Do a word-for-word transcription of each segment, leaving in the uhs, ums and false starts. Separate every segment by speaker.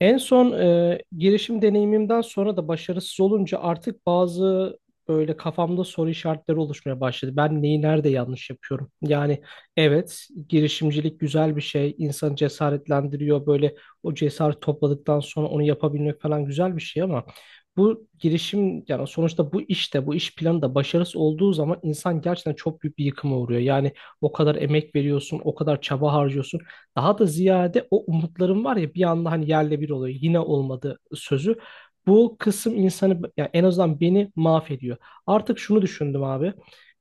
Speaker 1: En son e, girişim deneyimimden sonra da başarısız olunca artık bazı böyle kafamda soru işaretleri oluşmaya başladı. Ben neyi nerede yanlış yapıyorum? Yani evet girişimcilik güzel bir şey. İnsanı cesaretlendiriyor. Böyle o cesaret topladıktan sonra onu yapabilmek falan güzel bir şey ama bu girişim yani sonuçta bu işte bu iş planı da başarısız olduğu zaman insan gerçekten çok büyük bir yıkıma uğruyor. Yani o kadar emek veriyorsun, o kadar çaba harcıyorsun. Daha da ziyade o umutların var ya bir anda hani yerle bir oluyor. Yine olmadı sözü. Bu kısım insanı yani en azından beni mahvediyor. Artık şunu düşündüm abi.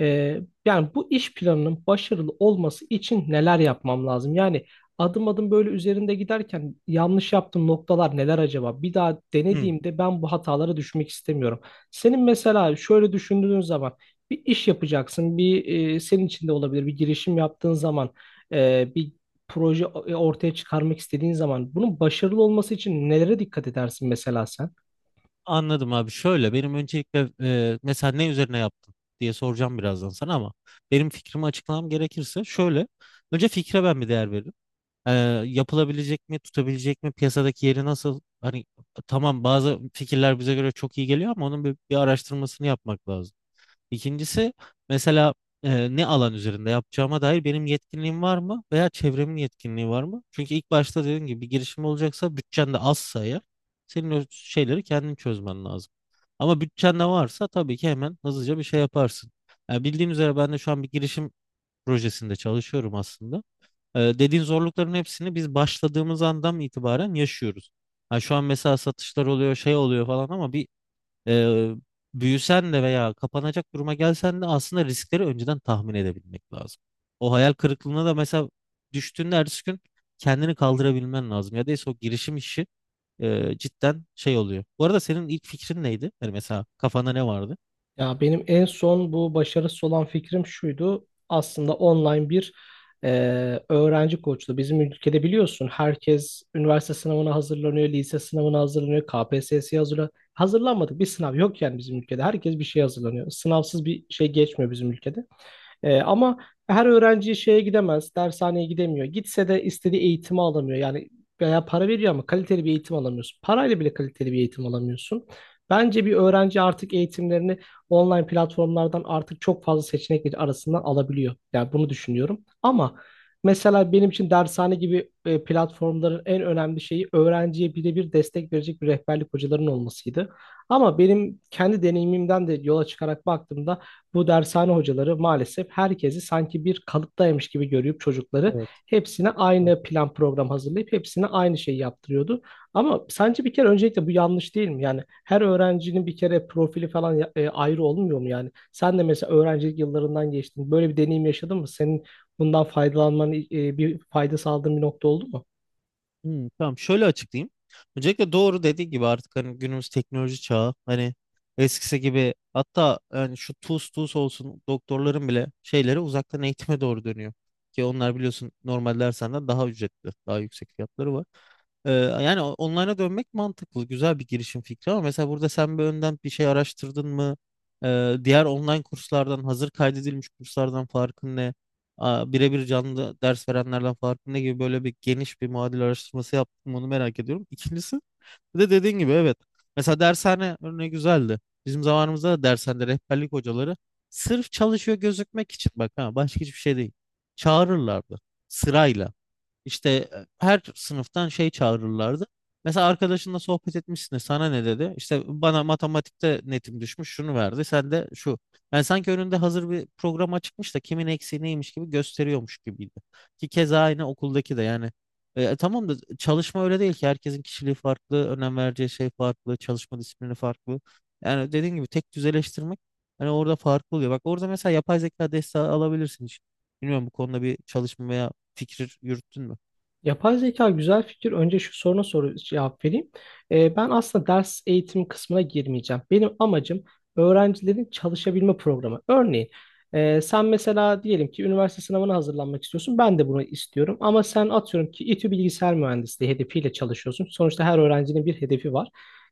Speaker 1: Ee, yani bu iş planının başarılı olması için neler yapmam lazım? Yani adım adım böyle üzerinde giderken yanlış yaptığım noktalar neler acaba? Bir daha
Speaker 2: Hı,
Speaker 1: denediğimde ben bu hatalara düşmek istemiyorum. Senin mesela şöyle düşündüğün zaman bir iş yapacaksın, bir e, senin içinde olabilir bir girişim yaptığın zaman e, bir proje e, ortaya çıkarmak istediğin zaman bunun başarılı olması için nelere dikkat edersin mesela sen?
Speaker 2: anladım abi. Şöyle benim öncelikle e, mesela ne üzerine yaptın diye soracağım birazdan sana ama benim fikrimi açıklamam gerekirse şöyle. Önce fikre ben bir değer veririm. E, yapılabilecek mi, tutabilecek mi, piyasadaki yeri nasıl? Hani tamam bazı fikirler bize göre çok iyi geliyor ama onun bir, bir araştırmasını yapmak lazım. İkincisi mesela e, ne alan üzerinde yapacağıma dair benim yetkinliğim var mı veya çevremin yetkinliği var mı? Çünkü ilk başta dediğim gibi bir girişim olacaksa bütçen de azsa eğer senin o şeyleri kendin çözmen lazım. Ama bütçen de varsa tabii ki hemen hızlıca bir şey yaparsın. Yani bildiğin üzere ben de şu an bir girişim projesinde çalışıyorum aslında. E, dediğin zorlukların hepsini biz başladığımız andan itibaren yaşıyoruz. Ha şu an mesela satışlar oluyor, şey oluyor falan ama bir e, büyüsen de veya kapanacak duruma gelsen de aslında riskleri önceden tahmin edebilmek lazım. O hayal kırıklığına da mesela düştüğünde ertesi gün kendini kaldırabilmen lazım. Ya da o girişim işi e, cidden şey oluyor. Bu arada senin ilk fikrin neydi? Yani mesela kafanda ne vardı?
Speaker 1: Ya benim en son bu başarısız olan fikrim şuydu. Aslında online bir e, öğrenci koçluğu. Bizim ülkede biliyorsun herkes üniversite sınavına hazırlanıyor, lise sınavına hazırlanıyor, K P S S'ye hazırlanıyor. Hazırlanmadık bir sınav yok yani bizim ülkede. Herkes bir şey hazırlanıyor. Sınavsız bir şey geçmiyor bizim ülkede. Ee, ama her öğrenci şeye gidemez, dershaneye gidemiyor. Gitse de istediği eğitimi alamıyor. Yani veya para veriyor ama kaliteli bir eğitim alamıyorsun. Parayla bile kaliteli bir eğitim alamıyorsun. Bence bir öğrenci artık eğitimlerini online platformlardan artık çok fazla seçenek arasından alabiliyor. Yani bunu düşünüyorum. Ama mesela benim için dershane gibi e, platformların en önemli şeyi öğrenciye birebir destek verecek bir rehberlik hocaların olmasıydı. Ama benim kendi deneyimimden de yola çıkarak baktığımda bu dershane hocaları maalesef herkesi sanki bir kalıptaymış gibi görüp çocukları
Speaker 2: Evet,
Speaker 1: hepsine
Speaker 2: evet.
Speaker 1: aynı plan program hazırlayıp hepsine aynı şeyi yaptırıyordu. Ama sence bir kere öncelikle bu yanlış değil mi? Yani her öğrencinin bir kere profili falan ya- e, ayrı olmuyor mu yani? Sen de mesela öğrencilik yıllarından geçtin. Böyle bir deneyim yaşadın mı? Senin bundan faydalanmanın e, bir fayda sağladığın bir nokta oldu mu?
Speaker 2: Hmm, tamam şöyle açıklayayım. Öncelikle doğru dediği gibi artık hani günümüz teknoloji çağı hani eskisi gibi hatta yani şu tuz tuz olsun doktorların bile şeyleri uzaktan eğitime doğru dönüyor. Ki onlar biliyorsun normal dersenden daha ücretli daha yüksek fiyatları var. Ee, yani o- online'a dönmek mantıklı. Güzel bir girişim fikri ama mesela burada sen bir önden bir şey araştırdın mı? Ee, diğer online kurslardan, hazır kaydedilmiş kurslardan farkın ne? Aa, birebir canlı ders verenlerden farkın ne gibi böyle bir geniş bir muadil araştırması yaptım onu merak ediyorum. İkincisi bir de dediğin gibi evet. Mesela dershane örneği güzeldi. Bizim zamanımızda da dershanede rehberlik hocaları sırf çalışıyor gözükmek için bak ha başka hiçbir şey değil. Çağırırlardı sırayla. İşte e, her sınıftan şey çağırırlardı. Mesela arkadaşınla sohbet etmişsin de sana ne dedi? İşte bana matematikte netim düşmüş şunu verdi. Sen de şu. Yani sanki önünde hazır bir program açıkmış da kimin eksiği neymiş gibi gösteriyormuş gibiydi. Ki keza aynı okuldaki de yani. E, tamam da çalışma öyle değil ki. Herkesin kişiliği farklı, önem vereceği şey farklı, çalışma disiplini farklı. Yani dediğin gibi tek düzeleştirmek hani orada farklı oluyor. Bak orada mesela yapay zeka desteği alabilirsin hiç. Bilmiyorum bu konuda bir çalışma veya fikir yürüttün mü?
Speaker 1: Yapay zeka güzel fikir. Önce şu soruna soru cevap vereyim. Ee, ben aslında ders eğitim kısmına girmeyeceğim. Benim amacım öğrencilerin çalışabilme programı. Örneğin e, sen mesela diyelim ki üniversite sınavına hazırlanmak istiyorsun. Ben de bunu istiyorum. Ama sen atıyorum ki İTÜ Bilgisayar Mühendisliği hedefiyle çalışıyorsun. Sonuçta her öğrencinin bir hedefi var.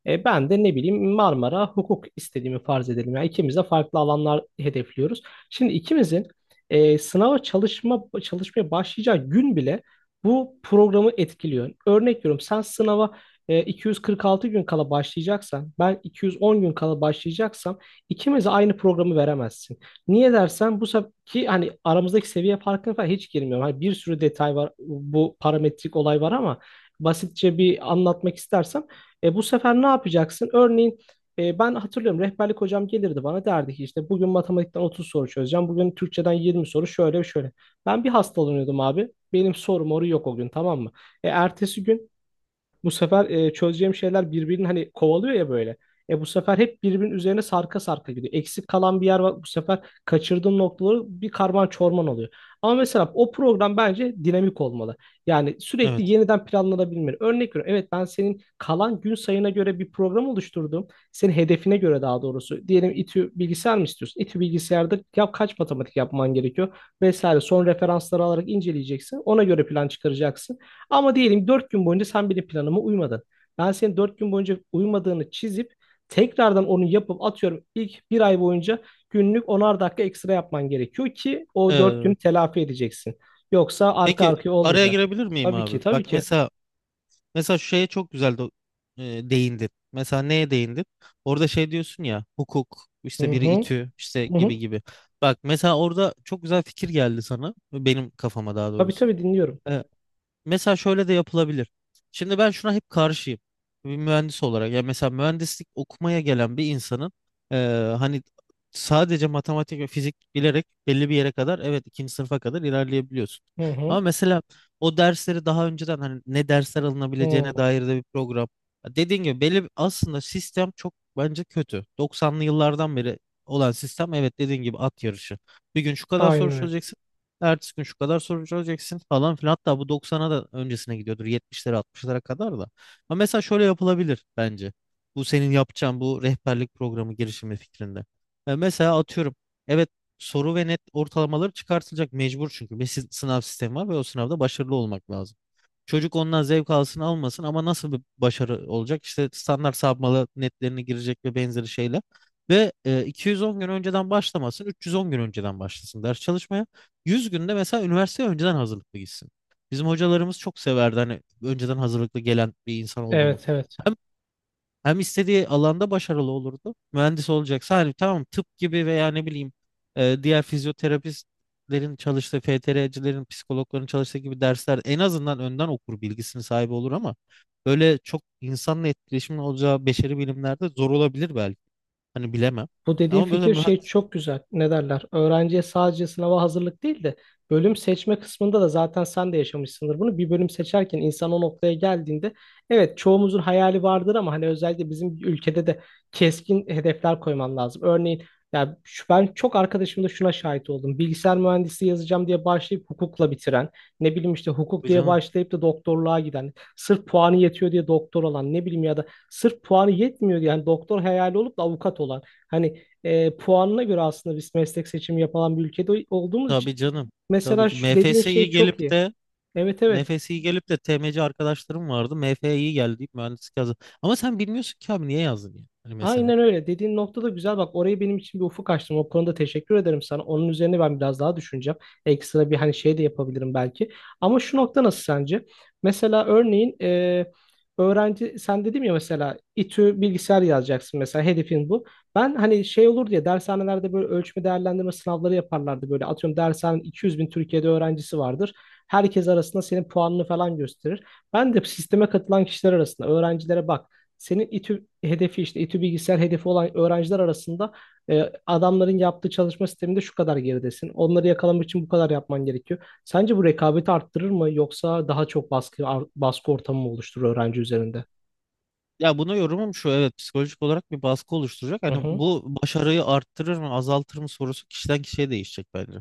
Speaker 1: E, ben de ne bileyim Marmara hukuk istediğimi farz edelim. Yani ikimiz de farklı alanlar hedefliyoruz. Şimdi ikimizin e, sınava çalışma çalışmaya başlayacağı gün bile bu programı etkiliyor. Örnek veriyorum, sen sınava e, iki yüz kırk altı gün kala başlayacaksan ben iki yüz on gün kala başlayacaksam ikimize aynı programı veremezsin. Niye dersen bu sefer ki hani aramızdaki seviye farkına falan hiç girmiyorum. Hani bir sürü detay var, bu parametrik olay var ama basitçe bir anlatmak istersem e, bu sefer ne yapacaksın? Örneğin e, ben hatırlıyorum, rehberlik hocam gelirdi bana derdi ki işte bugün matematikten otuz soru çözeceğim. Bugün Türkçeden yirmi soru şöyle şöyle. Ben bir hastalanıyordum abi. Benim sorum oru yok o gün, tamam mı? E, ertesi gün bu sefer e, çözeceğim şeyler birbirini hani kovalıyor ya böyle. E bu sefer hep birbirinin üzerine sarka sarka gidiyor. Eksik kalan bir yer var. Bu sefer kaçırdığım noktaları bir karman çorman oluyor. Ama mesela o program bence dinamik olmalı. Yani
Speaker 2: Evet.
Speaker 1: sürekli
Speaker 2: Evet.
Speaker 1: yeniden planlanabilmeli. Örnek veriyorum. Evet, ben senin kalan gün sayına göre bir program oluşturdum. Senin hedefine göre daha doğrusu. Diyelim İTÜ bilgisayar mı istiyorsun? İTÜ bilgisayarda ya kaç matematik yapman gerekiyor? Vesaire. Son referansları alarak inceleyeceksin. Ona göre plan çıkaracaksın. Ama diyelim dört gün boyunca sen benim planıma uymadın. Ben senin dört gün boyunca uymadığını çizip tekrardan onu yapıp atıyorum ilk bir ay boyunca günlük onar dakika ekstra yapman gerekiyor ki o dört, Evet, günü
Speaker 2: evet.
Speaker 1: telafi edeceksin. Yoksa arka
Speaker 2: Peki
Speaker 1: arkaya
Speaker 2: araya
Speaker 1: olmayacak.
Speaker 2: girebilir miyim
Speaker 1: Tabii ki
Speaker 2: abi?
Speaker 1: tabii,
Speaker 2: Bak
Speaker 1: Tabii, ki.
Speaker 2: mesela mesela şu şeye çok güzel do- e, değindin. Mesela neye değindin? Orada şey diyorsun ya hukuk
Speaker 1: Hı
Speaker 2: işte biri
Speaker 1: hı.
Speaker 2: İTÜ işte
Speaker 1: Hı
Speaker 2: gibi
Speaker 1: hı.
Speaker 2: gibi. Bak mesela orada çok güzel fikir geldi sana benim kafama daha
Speaker 1: Tabii
Speaker 2: doğrusu.
Speaker 1: tabii, dinliyorum.
Speaker 2: E, Mesela şöyle de yapılabilir. Şimdi ben şuna hep karşıyım. Bir mühendis olarak. Ya mesela mühendislik okumaya gelen bir insanın eee, hani sadece matematik ve fizik bilerek belli bir yere kadar evet ikinci sınıfa kadar ilerleyebiliyorsun.
Speaker 1: Hı
Speaker 2: Ama
Speaker 1: hı.
Speaker 2: mesela o dersleri daha önceden hani ne dersler
Speaker 1: Hı.
Speaker 2: alınabileceğine dair de bir program. Ya Dediğin gibi belli bir- aslında sistem çok bence kötü. doksanlı yıllardan beri olan sistem evet dediğin gibi at yarışı. Bir gün şu kadar soru
Speaker 1: Aynen öyle.
Speaker 2: çözeceksin. Ertesi gün şu kadar soru çözeceksin falan filan. Hatta bu doksan'a da öncesine gidiyordur. yetmişlere altmışlara kadar da. Ama mesela şöyle yapılabilir bence. Bu senin yapacağın bu rehberlik programı girişimi fikrinde. E, mesela atıyorum. Evet soru ve net ortalamaları çıkartılacak mecbur çünkü. Bir sı- sınav sistemi var ve o sınavda başarılı olmak lazım. Çocuk ondan zevk alsın almasın ama nasıl bir başarı olacak? İşte standart sapmalı netlerine girecek ve benzeri şeyler. Ve e, iki yüz on gün önceden başlamasın, üç yüz on gün önceden başlasın ders çalışmaya. yüz günde mesela üniversiteye önceden hazırlıklı gitsin. Bizim hocalarımız çok severdi hani önceden hazırlıklı gelen bir insan oldu mu?
Speaker 1: Evet evet.
Speaker 2: Hem istediği alanda başarılı olurdu. Mühendis olacaksa hani tamam tıp gibi veya ne bileyim e, diğer fizyoterapistlerin çalıştığı, F T R'cilerin, psikologların çalıştığı gibi dersler en azından önden okur bilgisini sahibi olur ama böyle çok insanla etkileşimin olacağı beşeri bilimlerde zor olabilir belki. Hani bilemem.
Speaker 1: Bu dediğin
Speaker 2: Ama böyle
Speaker 1: fikir şey
Speaker 2: mühendis.
Speaker 1: çok güzel. Ne derler? Öğrenciye sadece sınava hazırlık değil de bölüm seçme kısmında da zaten sen de yaşamışsındır bunu. Bir bölüm seçerken insan o noktaya geldiğinde evet, çoğumuzun hayali vardır ama hani özellikle bizim ülkede de keskin hedefler koyman lazım. Örneğin ya şu, ben çok arkadaşımda şuna şahit oldum. Bilgisayar mühendisliği yazacağım diye başlayıp hukukla bitiren, ne bileyim işte hukuk
Speaker 2: Tabii
Speaker 1: diye
Speaker 2: canım.
Speaker 1: başlayıp da doktorluğa giden, sırf puanı yetiyor diye doktor olan, ne bileyim, ya da sırf puanı yetmiyor diye yani doktor hayali olup da avukat olan. Hani e, puanına göre aslında biz meslek seçimi yapılan bir ülkede olduğumuz için.
Speaker 2: Tabii canım. Tabii
Speaker 1: Mesela
Speaker 2: ki
Speaker 1: şu
Speaker 2: MFS'yi
Speaker 1: dediğin şey çok
Speaker 2: gelip
Speaker 1: iyi.
Speaker 2: de
Speaker 1: Evet evet.
Speaker 2: MFS'yi gelip de T M C arkadaşlarım vardı. M F'yi geldi deyip mühendislik yazdı. Ama sen bilmiyorsun ki abi niye yazdın ya? Hani mesela.
Speaker 1: Aynen öyle. Dediğin nokta da güzel. Bak orayı benim için bir ufuk açtın. O konuda teşekkür ederim sana. Onun üzerine ben biraz daha düşüneceğim. Ekstra bir hani şey de yapabilirim belki. Ama şu nokta nasıl sence? Mesela örneğin e, öğrenci, sen dedim ya mesela İTÜ bilgisayar yazacaksın, mesela hedefin bu. Ben hani şey olur diye dershanelerde böyle ölçme değerlendirme sınavları yaparlardı böyle. Atıyorum dershanenin 200 bin Türkiye'de öğrencisi vardır. Herkes arasında senin puanını falan gösterir. Ben de sisteme katılan kişiler arasında öğrencilere bak. Senin İTÜ hedefi, işte İTÜ bilgisayar hedefi olan öğrenciler arasında e, adamların yaptığı çalışma sisteminde şu kadar geridesin. Onları yakalamak için bu kadar yapman gerekiyor. Sence bu rekabeti arttırır mı yoksa daha çok baskı ar- baskı ortamı mı oluşturur öğrenci üzerinde?
Speaker 2: Ya buna yorumum şu evet psikolojik olarak bir baskı oluşturacak.
Speaker 1: Hı
Speaker 2: Hani
Speaker 1: hı.
Speaker 2: bu başarıyı arttırır mı azaltır mı sorusu kişiden kişiye değişecek bence.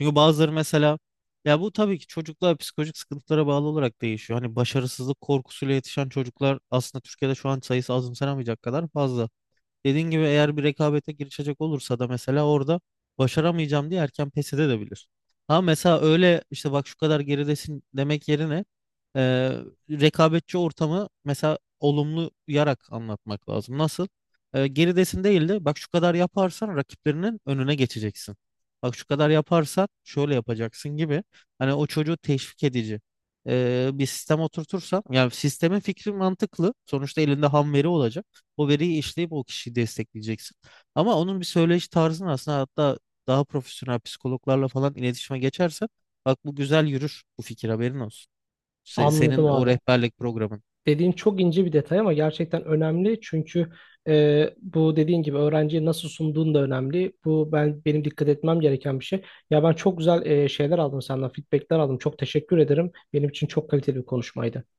Speaker 2: Çünkü bazıları mesela ya bu tabii ki çocuklar psikolojik sıkıntılara bağlı olarak değişiyor. Hani başarısızlık korkusuyla yetişen çocuklar aslında Türkiye'de şu an sayısı azımsanamayacak kadar fazla. Dediğin gibi eğer bir rekabete girişecek olursa da mesela orada başaramayacağım diye erken pes edebilir. Ama mesela öyle işte bak şu kadar geridesin demek yerine e, rekabetçi ortamı mesela olumlu yarak anlatmak lazım. Nasıl? E, geridesin değil de bak şu kadar yaparsan rakiplerinin önüne geçeceksin. Bak şu kadar yaparsan şöyle yapacaksın gibi. Hani o çocuğu teşvik edici e, bir sistem oturtursam yani sistemin fikri mantıklı. Sonuçta elinde ham veri olacak. O veriyi işleyip o kişiyi destekleyeceksin. Ama onun bir söyleyiş tarzını aslında hatta daha profesyonel psikologlarla falan iletişime geçersen bak bu güzel yürür bu fikir haberin olsun. Se-
Speaker 1: Anladım
Speaker 2: senin o
Speaker 1: abi.
Speaker 2: rehberlik programın.
Speaker 1: Dediğin çok ince bir detay ama gerçekten önemli çünkü e, bu dediğin gibi öğrenciye nasıl sunduğun da önemli. Bu ben benim dikkat etmem gereken bir şey. Ya ben çok güzel e, şeyler aldım senden, feedbackler aldım. Çok teşekkür ederim. Benim için çok kaliteli bir konuşmaydı.